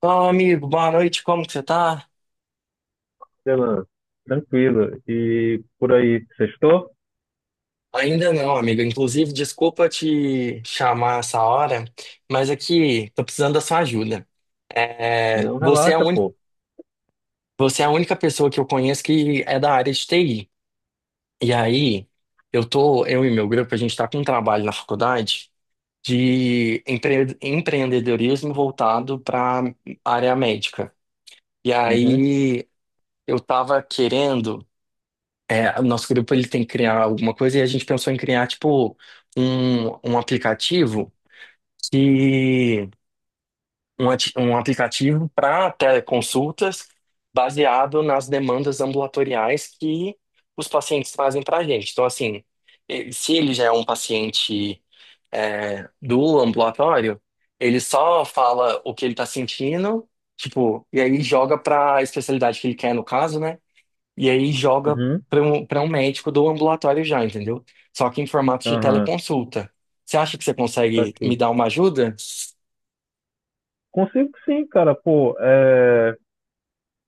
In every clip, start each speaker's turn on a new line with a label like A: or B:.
A: Fala, amigo, boa noite, como que você tá?
B: Renan, tranquilo. E por aí, sextou?
A: Ainda não, amigo. Inclusive, desculpa te chamar essa hora, mas aqui tô precisando da sua ajuda. É,
B: Não
A: você é a
B: relaxa,
A: uni-
B: pô.
A: Você é a única pessoa que eu conheço que é da área de TI. E aí, eu e meu grupo, a gente tá com um trabalho na faculdade de empreendedorismo voltado para área médica. E
B: Uhum,
A: aí, eu tava querendo. O nosso grupo ele tem que criar alguma coisa e a gente pensou em criar tipo um aplicativo que um aplicativo para teleconsultas baseado nas demandas ambulatoriais que os pacientes trazem para a gente. Então, assim, se ele já é um paciente do ambulatório, ele só fala o que ele está sentindo, tipo, e aí joga para a especialidade que ele quer, no caso, né? E aí joga
B: uhum,
A: para um médico do ambulatório já, entendeu? Só que em formato de
B: aham,
A: teleconsulta. Você acha que você
B: tá
A: consegue me
B: aqui.
A: dar uma ajuda?
B: Consigo sim, cara, pô.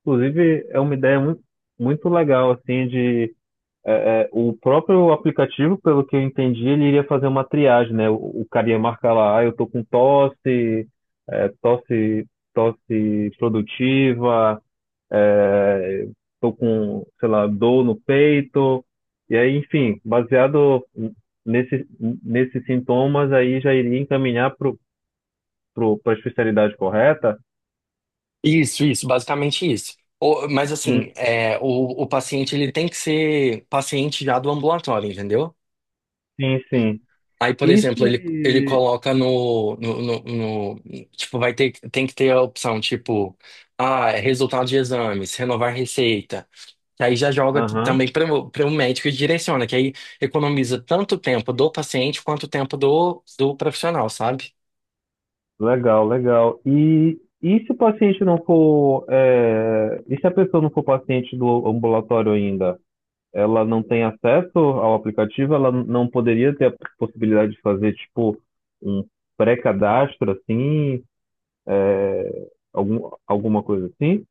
B: Inclusive, é uma ideia muito, muito legal, assim, de o próprio aplicativo, pelo que eu entendi, ele iria fazer uma triagem, né? O cara ia marcar lá, ah, eu tô com tosse, é, tosse, tosse produtiva. É, tô com, sei lá, dor no peito, e aí, enfim, baseado nesse, nesses sintomas, aí já iria encaminhar para a especialidade correta?
A: Isso, basicamente isso. Mas
B: Hum,
A: assim, é, o paciente ele tem que ser paciente já do ambulatório, entendeu?
B: sim, sim.
A: Aí, por
B: E
A: exemplo, ele
B: se.
A: coloca no- tipo, vai ter, tem que ter a opção, tipo, ah, resultado de exames, renovar receita. Que aí já joga
B: Aham,
A: também para o médico e direciona, que aí economiza tanto tempo do paciente quanto tempo do profissional, sabe?
B: legal, legal. E se o paciente não for. É, e se a pessoa não for paciente do ambulatório ainda? Ela não tem acesso ao aplicativo, ela não poderia ter a possibilidade de fazer, tipo, um pré-cadastro, assim, é, algum, alguma coisa assim?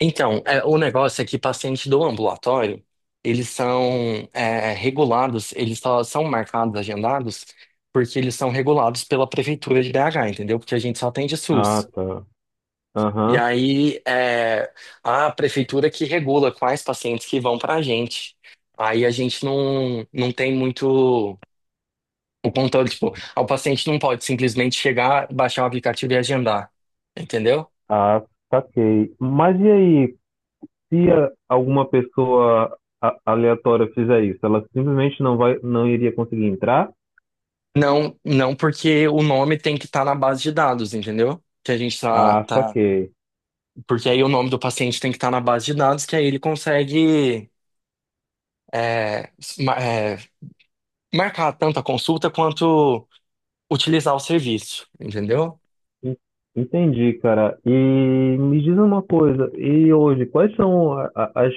A: Então, é, o negócio é que pacientes do ambulatório, eles são regulados, eles só são marcados, agendados, porque eles são regulados pela prefeitura de BH, entendeu? Porque a gente só atende
B: Ah,
A: SUS.
B: tá.
A: E
B: Aham.
A: aí é a prefeitura que regula quais pacientes que vão para a gente. Aí a gente não tem muito o controle, tipo, ah, o paciente não pode simplesmente chegar, baixar o aplicativo e agendar, entendeu?
B: Ah, saquei. Mas e aí, se alguma pessoa aleatória fizer isso, ela simplesmente não vai, não iria conseguir entrar?
A: Não, não porque o nome tem que estar na base de dados, entendeu? Que a gente
B: Ah,
A: tá,
B: saquei.
A: porque aí o nome do paciente tem que estar na base de dados, que aí ele consegue é, s- ma- é, marcar tanto a consulta quanto utilizar o serviço, entendeu?
B: En- Entendi, cara. E me diz uma coisa, e hoje, quais são as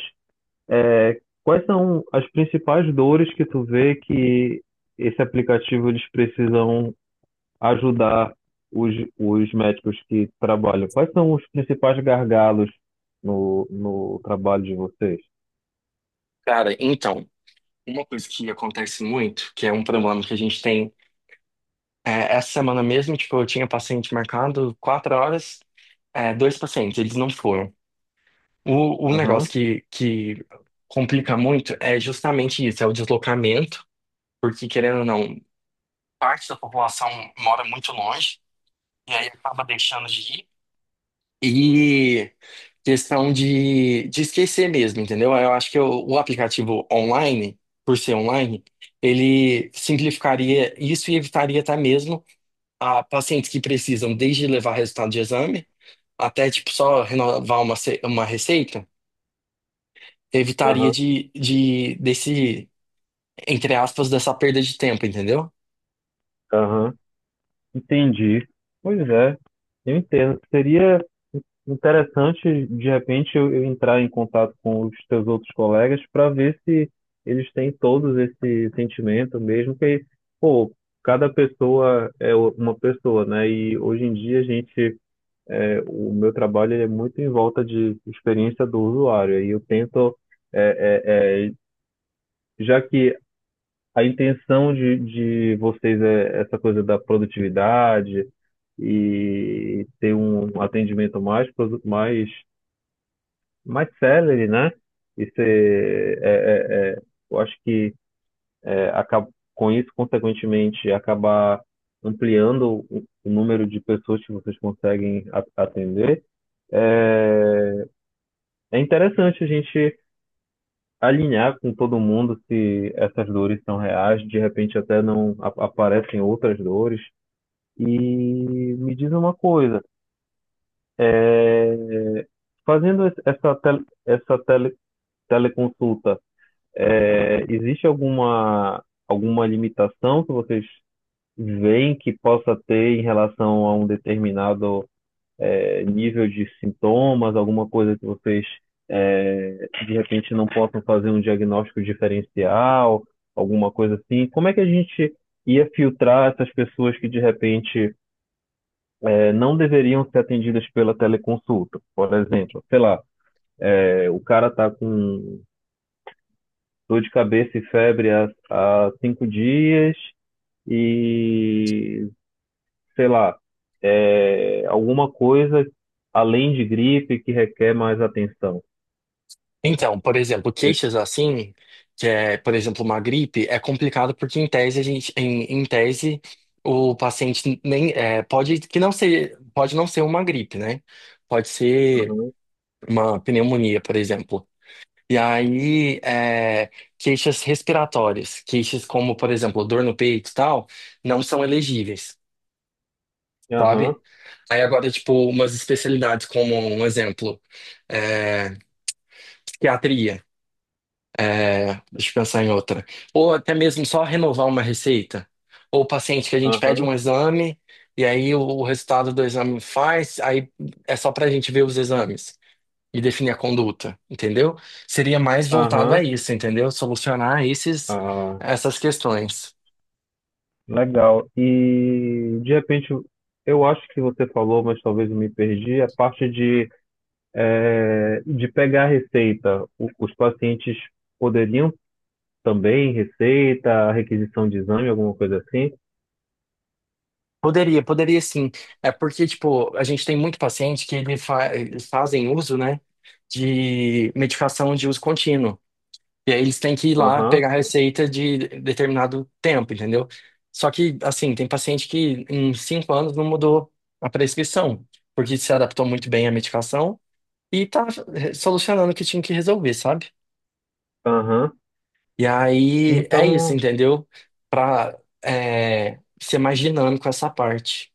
B: Quais são as principais dores que tu vê que esse aplicativo eles precisam ajudar os, os médicos que trabalham? Quais são os principais gargalos no trabalho de vocês?
A: Cara, então, uma coisa que acontece muito, que é um problema que a gente tem, é, essa semana mesmo, tipo, eu tinha paciente marcado quatro horas, é, dois pacientes, eles não foram. O
B: Aham,
A: negócio que complica muito é justamente isso, é o deslocamento, porque querendo ou não, parte da população mora muito longe, e aí acaba deixando de ir, e questão de esquecer mesmo, entendeu? Eu acho que o aplicativo online, por ser online, ele simplificaria isso e evitaria até mesmo a pacientes que precisam desde levar resultado de exame até tipo só renovar uma, uma receita, evitaria
B: aham,
A: de desse entre aspas, dessa perda de tempo, entendeu?
B: aham. Entendi. Pois é, eu entendo. Seria interessante, de repente, eu entrar em contato com os teus outros colegas para ver se eles têm todos esse sentimento mesmo, que, pô, cada pessoa é uma pessoa, né? E hoje em dia a gente, é, o meu trabalho ele é muito em volta de experiência do usuário. E eu tento, é, é, é, já que a intenção de vocês é essa coisa da produtividade e ter um atendimento mais, mais, mais célere, né? Isso é, eu acho que é, acaba, com isso, consequentemente, acabar ampliando o número de pessoas que vocês conseguem atender. É, é interessante a gente alinhar com todo mundo se essas dores são reais, de repente até não aparecem outras dores. E me diz uma coisa, é, fazendo essa, essa teleconsulta, é, existe alguma, alguma limitação que vocês veem que possa ter em relação a um determinado, é, nível de sintomas, alguma coisa que vocês, é, de repente não possam fazer um diagnóstico diferencial, alguma coisa assim? Como é que a gente ia filtrar essas pessoas que de repente não deveriam ser atendidas pela teleconsulta. Por exemplo, sei lá, é, o cara está com dor de cabeça e febre há cinco dias e, sei lá, é, alguma coisa além de gripe que requer mais atenção.
A: Então, por exemplo,
B: Esse-
A: queixas assim, que é, por exemplo, uma gripe, é complicado porque em tese a gente, em tese, o paciente nem é, pode que não ser, pode não ser uma gripe, né? Pode ser
B: Aham,
A: uma pneumonia, por exemplo. E aí, é, queixas respiratórias, queixas como, por exemplo, dor no peito e tal, não são elegíveis, sabe? Aí agora, tipo, umas especialidades como, um exemplo, é, psiquiatria, é, deixa eu pensar em outra. Ou até mesmo só renovar uma receita. Ou paciente que a gente pede
B: aham,
A: um exame e aí o resultado do exame faz, aí é só pra gente ver os exames e definir a conduta, entendeu? Seria mais voltado a
B: aham,
A: isso, entendeu? Solucionar esses,
B: aham. Ah,
A: essas questões.
B: legal. E, de repente, eu acho que você falou, mas talvez eu me perdi, a parte de de pegar a receita, os pacientes poderiam também receita, requisição de exame, alguma coisa assim?
A: Poderia, poderia sim. É porque, tipo, a gente tem muito paciente que eles fazem uso, né, de medicação de uso contínuo. E aí eles têm que ir lá
B: Aham,
A: pegar a receita de determinado tempo, entendeu? Só que, assim, tem paciente que em cinco anos não mudou a prescrição, porque se adaptou muito bem à medicação e tá, eh, solucionando o que tinha que resolver, sabe?
B: aham.
A: E aí é isso,
B: Então,
A: entendeu? Pra, é, ser mais dinâmico essa parte.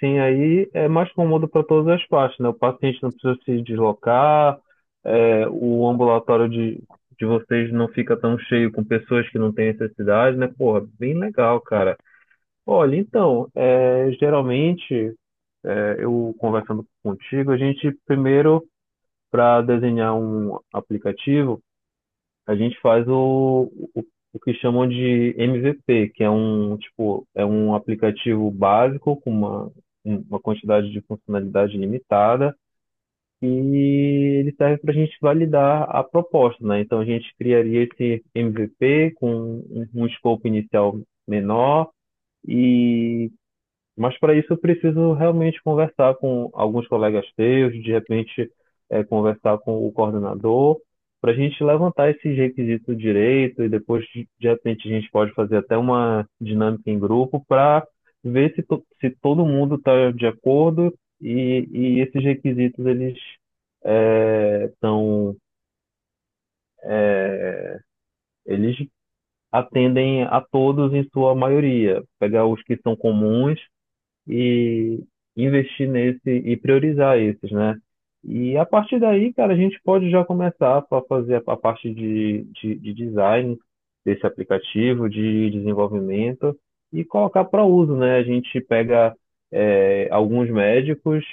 B: sim, aí é mais cômodo para todas as partes, né? O paciente não precisa se deslocar, é, o ambulatório de vocês não fica tão cheio com pessoas que não têm necessidade, né? Porra, bem legal, cara. Olha, então, é, geralmente, é, eu conversando contigo, a gente primeiro para desenhar um aplicativo, a gente faz o que chamam de MVP, que é um tipo, é um aplicativo básico com uma quantidade de funcionalidade limitada e ele serve para a gente validar a proposta, né? Então a gente criaria esse MVP com um escopo inicial menor e mas para isso eu preciso realmente conversar com alguns colegas teus, de repente eh, conversar com o coordenador, para a gente levantar esse requisito direito e depois de repente a gente pode fazer até uma dinâmica em grupo para ver se, se todo mundo está de acordo e esses requisitos eles eh, são eles atendem a todos em sua maioria. Pegar os que são comuns e investir nesse e priorizar esses, né? E a partir daí, cara, a gente pode já começar a fazer a parte de, de design desse aplicativo, de desenvolvimento e colocar para uso, né? A gente pega eh, alguns médicos,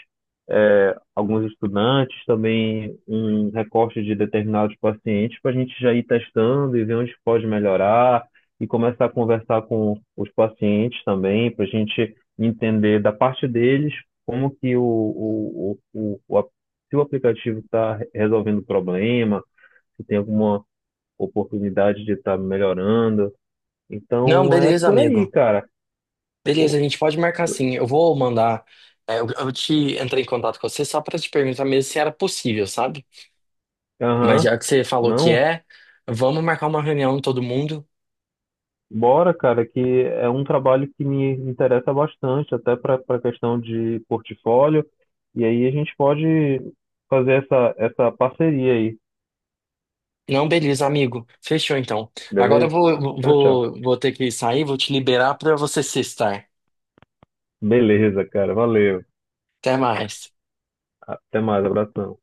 B: eh, alguns estudantes, também um recorte de determinados pacientes para a gente já ir testando e ver onde pode melhorar e começar a conversar com os pacientes também, para a gente entender da parte deles como que se o aplicativo está resolvendo o problema, se tem alguma oportunidade de estar melhorando.
A: Não,
B: Então é
A: beleza,
B: por aí,
A: amigo.
B: cara.
A: Beleza,
B: Pô,
A: a gente pode marcar sim. Eu vou mandar. É, eu te entrei em contato com você só pra te perguntar mesmo se era possível, sabe? Mas
B: aham.
A: já que você falou que
B: Não,
A: é, vamos marcar uma reunião todo mundo.
B: bora, cara, que é um trabalho que me interessa bastante, até para a questão de portfólio. E aí a gente pode fazer essa parceria aí,
A: Não, beleza, amigo. Fechou então. Agora eu
B: beleza? Tchau, tchau.
A: vou ter que sair, vou te liberar pra você se estar.
B: Beleza, cara. Valeu.
A: Até mais.
B: Até mais, abração.